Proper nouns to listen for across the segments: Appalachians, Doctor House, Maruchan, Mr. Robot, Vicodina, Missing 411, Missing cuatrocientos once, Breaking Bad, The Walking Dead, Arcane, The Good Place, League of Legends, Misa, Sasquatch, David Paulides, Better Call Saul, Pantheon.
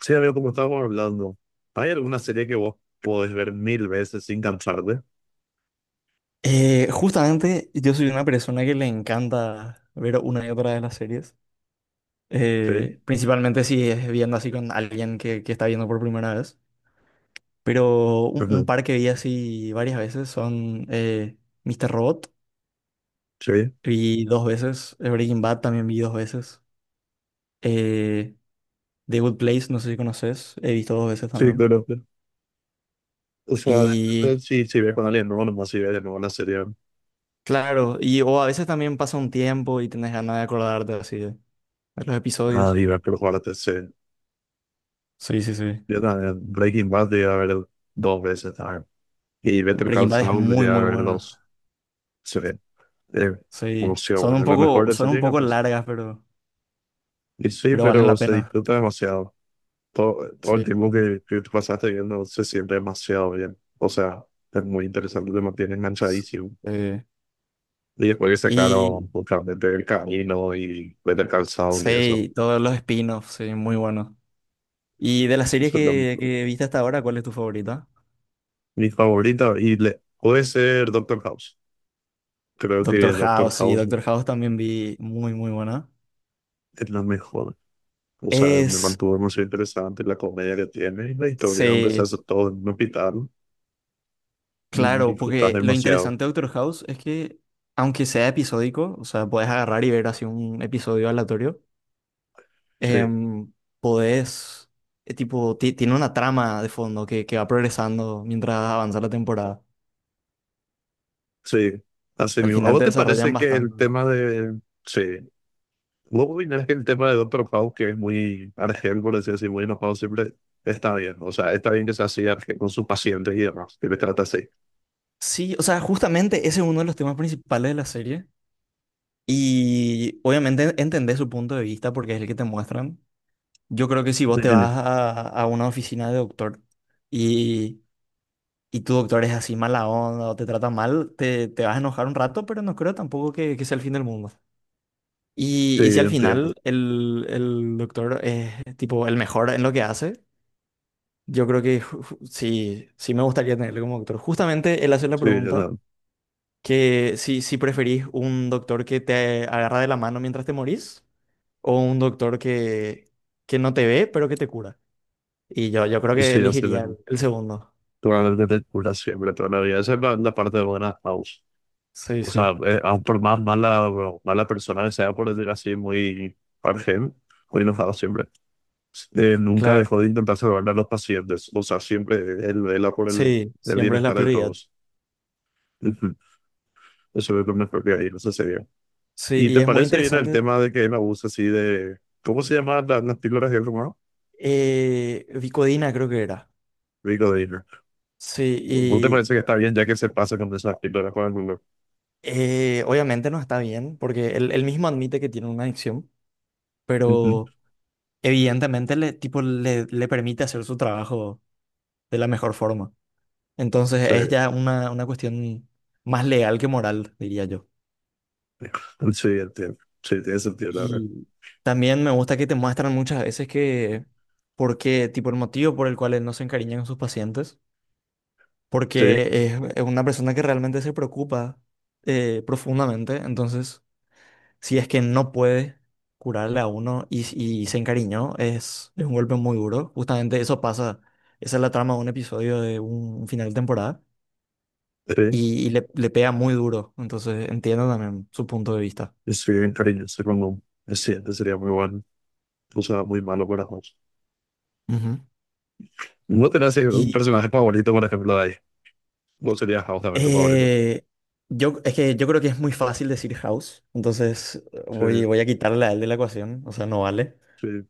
Sí, amigo, como estábamos hablando, ¿hay alguna serie que vos podés ver mil veces sin cansarte? Justamente yo soy una persona que le encanta ver una y otra de las series, Sí, principalmente si es viendo así con alguien que está viendo por primera vez, pero un ujú, par que vi así varias veces son Mr. Robot, sí, vi dos veces, Breaking Bad también vi dos veces, eh, The Good Place, no sé si conoces, he visto dos veces sí, también. claro. Claro. O sea, Y depende si ves con alguien nuevo, nomás si ves de nuevo una serie, claro, y o a veces también pasa un tiempo y tenés ganas de acordarte así de los ah, episodios. y ves por jugarte, sí. Sí, sí, sí. Yo también, Breaking Bad llegué a ver dos veces, ah, y Better Breaking Call Bad es Saul muy, llegué a muy ver buena. dos, sí. Eh, bueno, Sí. sí, bueno, la mejor de Son un serie, poco capaz. largas, Y sí, pero valen pero la se pena. disfruta demasiado. Todo el Sí, sí, tiempo sí. que te pasaste viendo se siente demasiado bien. O sea, es muy interesante, te mantiene enganchadísimo. Sí. Y después que Y sacaron justamente el camino y ver el calzado y eso. sí, todos los spin-offs, sí, muy buenos. Y de las series Eso es lo que, mismo. que viste hasta ahora, ¿cuál es tu favorita? Mi favorita, y le, puede ser Doctor House. Creo que Doctor Doctor House, sí, House Doctor House también vi muy, muy buena. es la mejor. O sea, me Es, mantuvo muy interesante la comedia que tiene y la historia donde se sí, hace todo en un hospital. claro, Disfrutas porque lo demasiado. interesante de Doctor House es que, aunque sea episódico, o sea, puedes agarrar y ver así un episodio aleatorio, Sí, em, podés, tipo, tiene una trama de fondo que va progresando mientras avanza la temporada. sí, así Al mismo. ¿A final vos te te desarrollan parece que el bastante. tema de... Sí, luego viene el tema de Doctor House, que es muy argel, por decir así, decir, muy enojado siempre, está bien. O sea, está bien que sea así argel con sus pacientes y demás, que le trata así. Sí, o sea, justamente ese es uno de los temas principales de la serie. Y obviamente entendés su punto de vista porque es el que te muestran. Yo creo que si ¿Me vos te entiendes? vas a una oficina de doctor y, y tu doctor es así mala onda o te trata mal, te vas a enojar un rato, pero no creo tampoco que sea el fin del mundo. Sí, Y si al entiendo. final el doctor es tipo el mejor en lo que hace, yo creo que sí, sí me gustaría tenerlo como doctor. Justamente él hace la Sí, pregunta no. que si, si preferís un doctor que te agarra de la mano mientras te morís o un doctor que no te ve pero que te cura. Y yo creo Pues que sí, así elegiría mismo. el segundo. Probablemente te cura siempre, toda la vida. Esa es la parte buena de House. Sí, O sí. sea, aun por más mala, mala persona que sea, por decir así, muy argel, muy enojado siempre, nunca Claro. dejó de intentar salvar a los pacientes. O sea, siempre él vela por Sí, el siempre es la bienestar de prioridad. todos. Eso es lo mejor que hay, eso sería. Sí, ¿Y y te es muy parece bien el interesante. tema de que él abusa así de... ¿Cómo se llaman las píldoras de rumor? Vicodina creo que era. Rico Dealer. ¿Vos te Sí. parece que está bien ya que se pasa con esas píldoras con el rumor? Obviamente no está bien, porque él mismo admite que tiene una adicción, Ujú. pero evidentemente le, tipo, le permite hacer su trabajo de la mejor forma. Entonces Sí, es ya una cuestión más legal que moral, diría yo. sí, entiendo. Sí, tiene sentido, la verdad. Y también me gusta que te muestran muchas veces que, por qué, tipo, el motivo por el cual él no se encariña con sus pacientes, Sí, porque es una persona que realmente se preocupa profundamente, entonces... si es que no puede curarle a uno y se encariñó, es un golpe muy duro. Justamente eso pasa, esa es la trama de un episodio de un final de temporada sí. Y le pega muy duro. Entonces entiendo también su punto de vista. Es bien cariñoso con un... Es cierto, sería muy bueno. O sea, muy malo para House. Ujú. ¿No tenés un Y personaje favorito, por ejemplo, de ahí? ¿Vos serías House también tu favorito? eh, yo, es que yo creo que es muy fácil decir House, entonces Sí, voy, voy a quitarle a él de la ecuación, o sea, no vale. sí.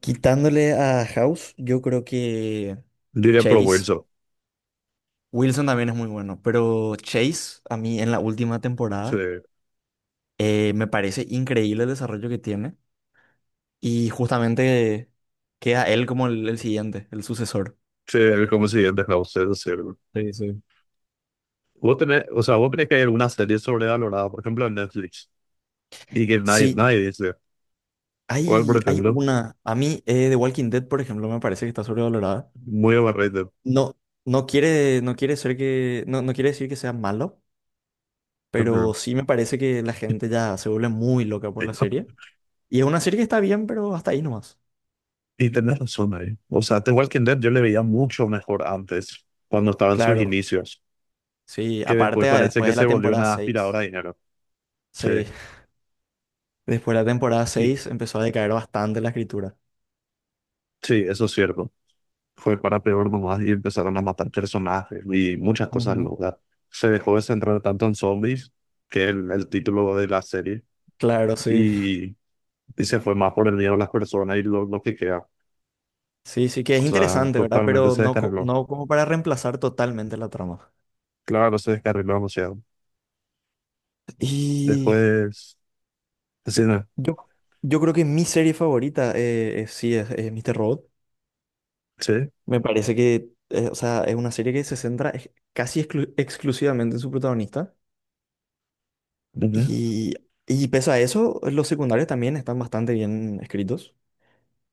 Quitándole a House, yo creo que Diría Pro Chase. Wilson. Wilson también es muy bueno, pero Chase, a mí en la última Sí, temporada, me parece increíble el desarrollo que tiene y justamente queda él como el siguiente, el sucesor. sí, el como siguiente House, eso sí. Sí, sí. Vos tenés, o sea, vos crees que hay alguna serie sobrevalorada, por ejemplo, en Netflix, y que nadie, Sí, nadie dice, ¿cuál, por hay ejemplo? una, a mí The Walking Dead, por ejemplo, me parece que está sobrevalorada. Muy overrated. No, no quiere ser que, no, no quiere decir que sea malo, pero sí me parece que la gente ya se vuelve muy loca por la serie. Y es una serie que está bien, pero hasta ahí nomás. Y tenés razón ahí. O sea, The Walking Dead yo le veía mucho mejor antes, cuando estaba en sus Claro. inicios, Sí, que después aparte ah, parece después que de se la volvió temporada una aspiradora 6, de dinero. Sí, sí, después de la temporada y, 6 empezó a decaer bastante la escritura. sí, eso es cierto. Fue para peor nomás y empezaron a matar personajes y muchas cosas Ujú. locas. Se dejó de centrar tanto en zombies, que es el título de la serie, Claro, sí. y y se fue más por el miedo a las personas y lo que queda. Sí, sí que es O sea, interesante, ¿verdad? totalmente Pero se no, descarriló. no como para reemplazar totalmente la trama. Claro, se descarriló demasiado. Y Después, sí, no, yo, yo creo que mi serie favorita sí es Mr. Robot. sí, Me parece que, o sea, es una serie que se centra casi exclusivamente en su protagonista. ujú. Y, y pese a eso, los secundarios también están bastante bien escritos.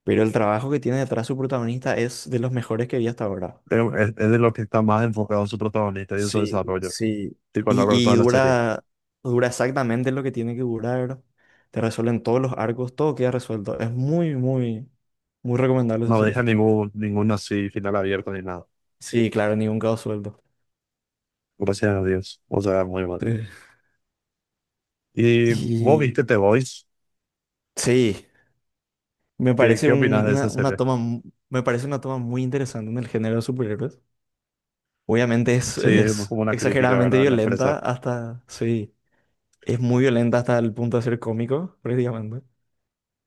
Pero el trabajo que tiene detrás su protagonista es de los mejores que vi hasta ahora. Pero es de lo que está más enfocado su protagonista y en su Sí, desarrollo. sí. Tipo, a lo largo de Y toda la serie. dura, dura exactamente lo que tiene que durar. Te resuelven todos los arcos, todo queda resuelto. Es muy, muy, muy recomendable esa No serie. deja ningún así final abierto ni nada. Sí, claro, ningún cabo suelto. Gracias a Dios. O sea, muy mal. eh, ¿Y vos Y viste The Voice? sí, me parece Qué opinas de esa serie? Me parece una toma muy interesante en el género de superhéroes. Obviamente Sí, es es como una crítica, exageradamente ¿verdad? La violenta empresa. hasta, sí. Es muy violenta hasta el punto de ser cómico, prácticamente.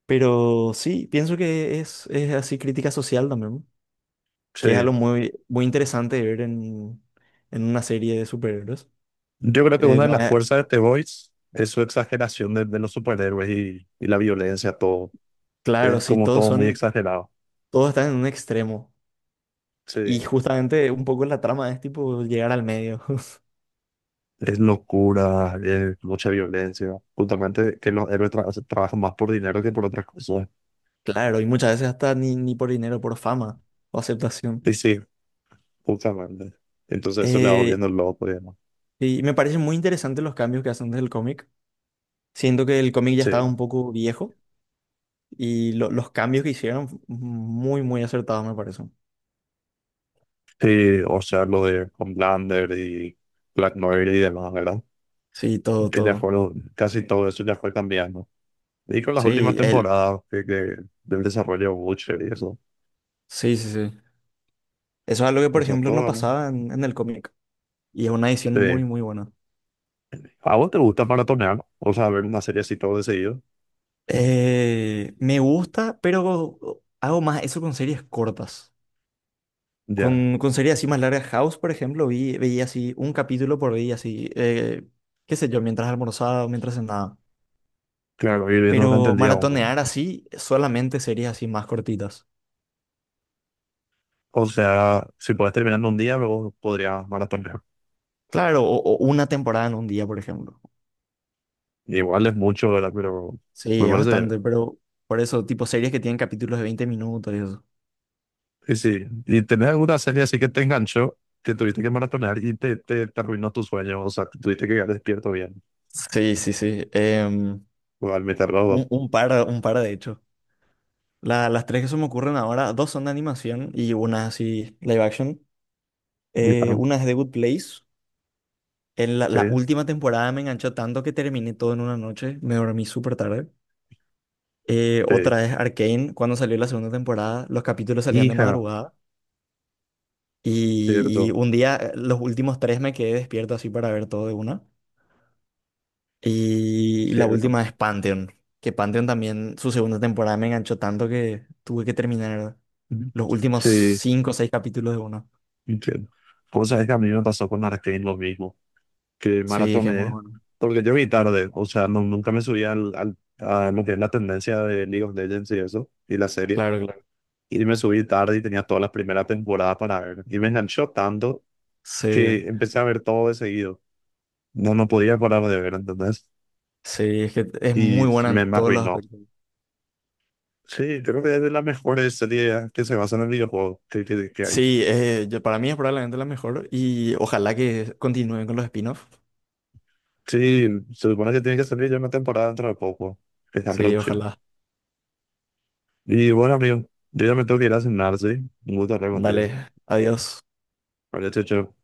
Pero sí, pienso que es así crítica social también, Sí. que es algo muy, muy interesante de ver en una serie de superhéroes. Yo creo que una de No las es- fuerzas de The Voice es su exageración de los superhéroes y la violencia, todo. claro, Es sí, como todos todo muy son, exagerado. todos están en un extremo. Y Sí. justamente un poco la trama es tipo llegar al medio. Es locura, es mucha violencia. Justamente que los héroes trabajan más por dinero que por otras cosas. Claro, y muchas veces hasta ni, ni por dinero, por fama o aceptación. Y sí, justamente. Entonces eso le va Eh, volviendo loco, digamos. y me parecen muy interesantes los cambios que hacen desde el cómic. Siento que el cómic ya estaba Sí. un poco viejo. Y los cambios que hicieron, muy, muy acertados, me parece. Sí, o sea, lo de Homelander y Black Noir y demás, ¿verdad? Sí, todo, Que ya todo. fueron, casi todo eso ya fue cambiando. Y con las últimas Sí, él. temporadas que del desarrollo de Butcher y eso. Sí, sí, sí. Eso es algo que, O por sea, ejemplo, todo, no las- pasaba en el cómic. Y es una edición muy, Sí. muy buena. ¿A vos te gusta maratonear? O sea, ver una serie así todo de seguido. Me gusta, pero hago más eso con series cortas. Ya, Con series así más largas. House, por ejemplo, vi, veía así un capítulo por día, así, qué sé yo, mientras almorzaba o mientras cenaba. claro, ir viendo durante Pero el día uno. maratonear así, solamente series así más cortitas. O sea, si podés terminar en un día, luego podrías maratonear. Claro, o una temporada en un día, por ejemplo. Igual es mucho, ¿verdad? Pero me Sí, es parece bien. bastante, pero por eso, tipo series que tienen capítulos de 20 minutos y eso. Y sí, ¿y tenés alguna serie así que te enganchó, que tuviste que maratonear y te arruinó tu sueño? O sea, que tuviste que quedar despierto bien. Sí, sí, sí. Igual me tardó. Un par de hecho. Las tres que se me ocurren ahora, dos son de animación y una así live action. Y, ah, Una es The Good Place. En la, la sí, última temporada me enganchó tanto que terminé todo en una noche. Me dormí súper tarde. Sí. Otra es Arcane. Cuando salió la segunda temporada, los capítulos salían de Hija, madrugada. Y cierto, un día, los últimos tres me quedé despierto así para ver todo de una. Y la cierto. última es Pantheon, que Pantheon también, su segunda temporada me enganchó tanto que tuve que terminar Ujú. los últimos Sí. cinco o seis capítulos de uno. Entiendo. Vos sabés que a mí me pasó con Arcane lo mismo, que Sí, es que es muy maratoné, bueno. porque yo vi tarde, o sea, no, nunca me subí a lo que es la tendencia de League of Legends y eso, y la serie, Claro, claro. y me subí tarde y tenía todas las primeras temporadas para ver, y me enganchó tanto Sí, que empecé a ver todo de seguido, no podía parar de ver, ¿entendés? sí, es que es Y muy buena en me todos los arruinó. aspectos. Sí, creo que es de las mejores series que se basan en el videojuego que hay. Sí, para mí es probablemente la mejor y ojalá que continúen con los spin-offs. Sí, se supone que tiene que salir ya una temporada dentro de poco, esa Sí, producción. ojalá. Y bueno, amigo, yo ya me tengo que ir a cenar, ¿sí? Un gusto hablar contigo. Dale, adiós. Vale, chao, chao.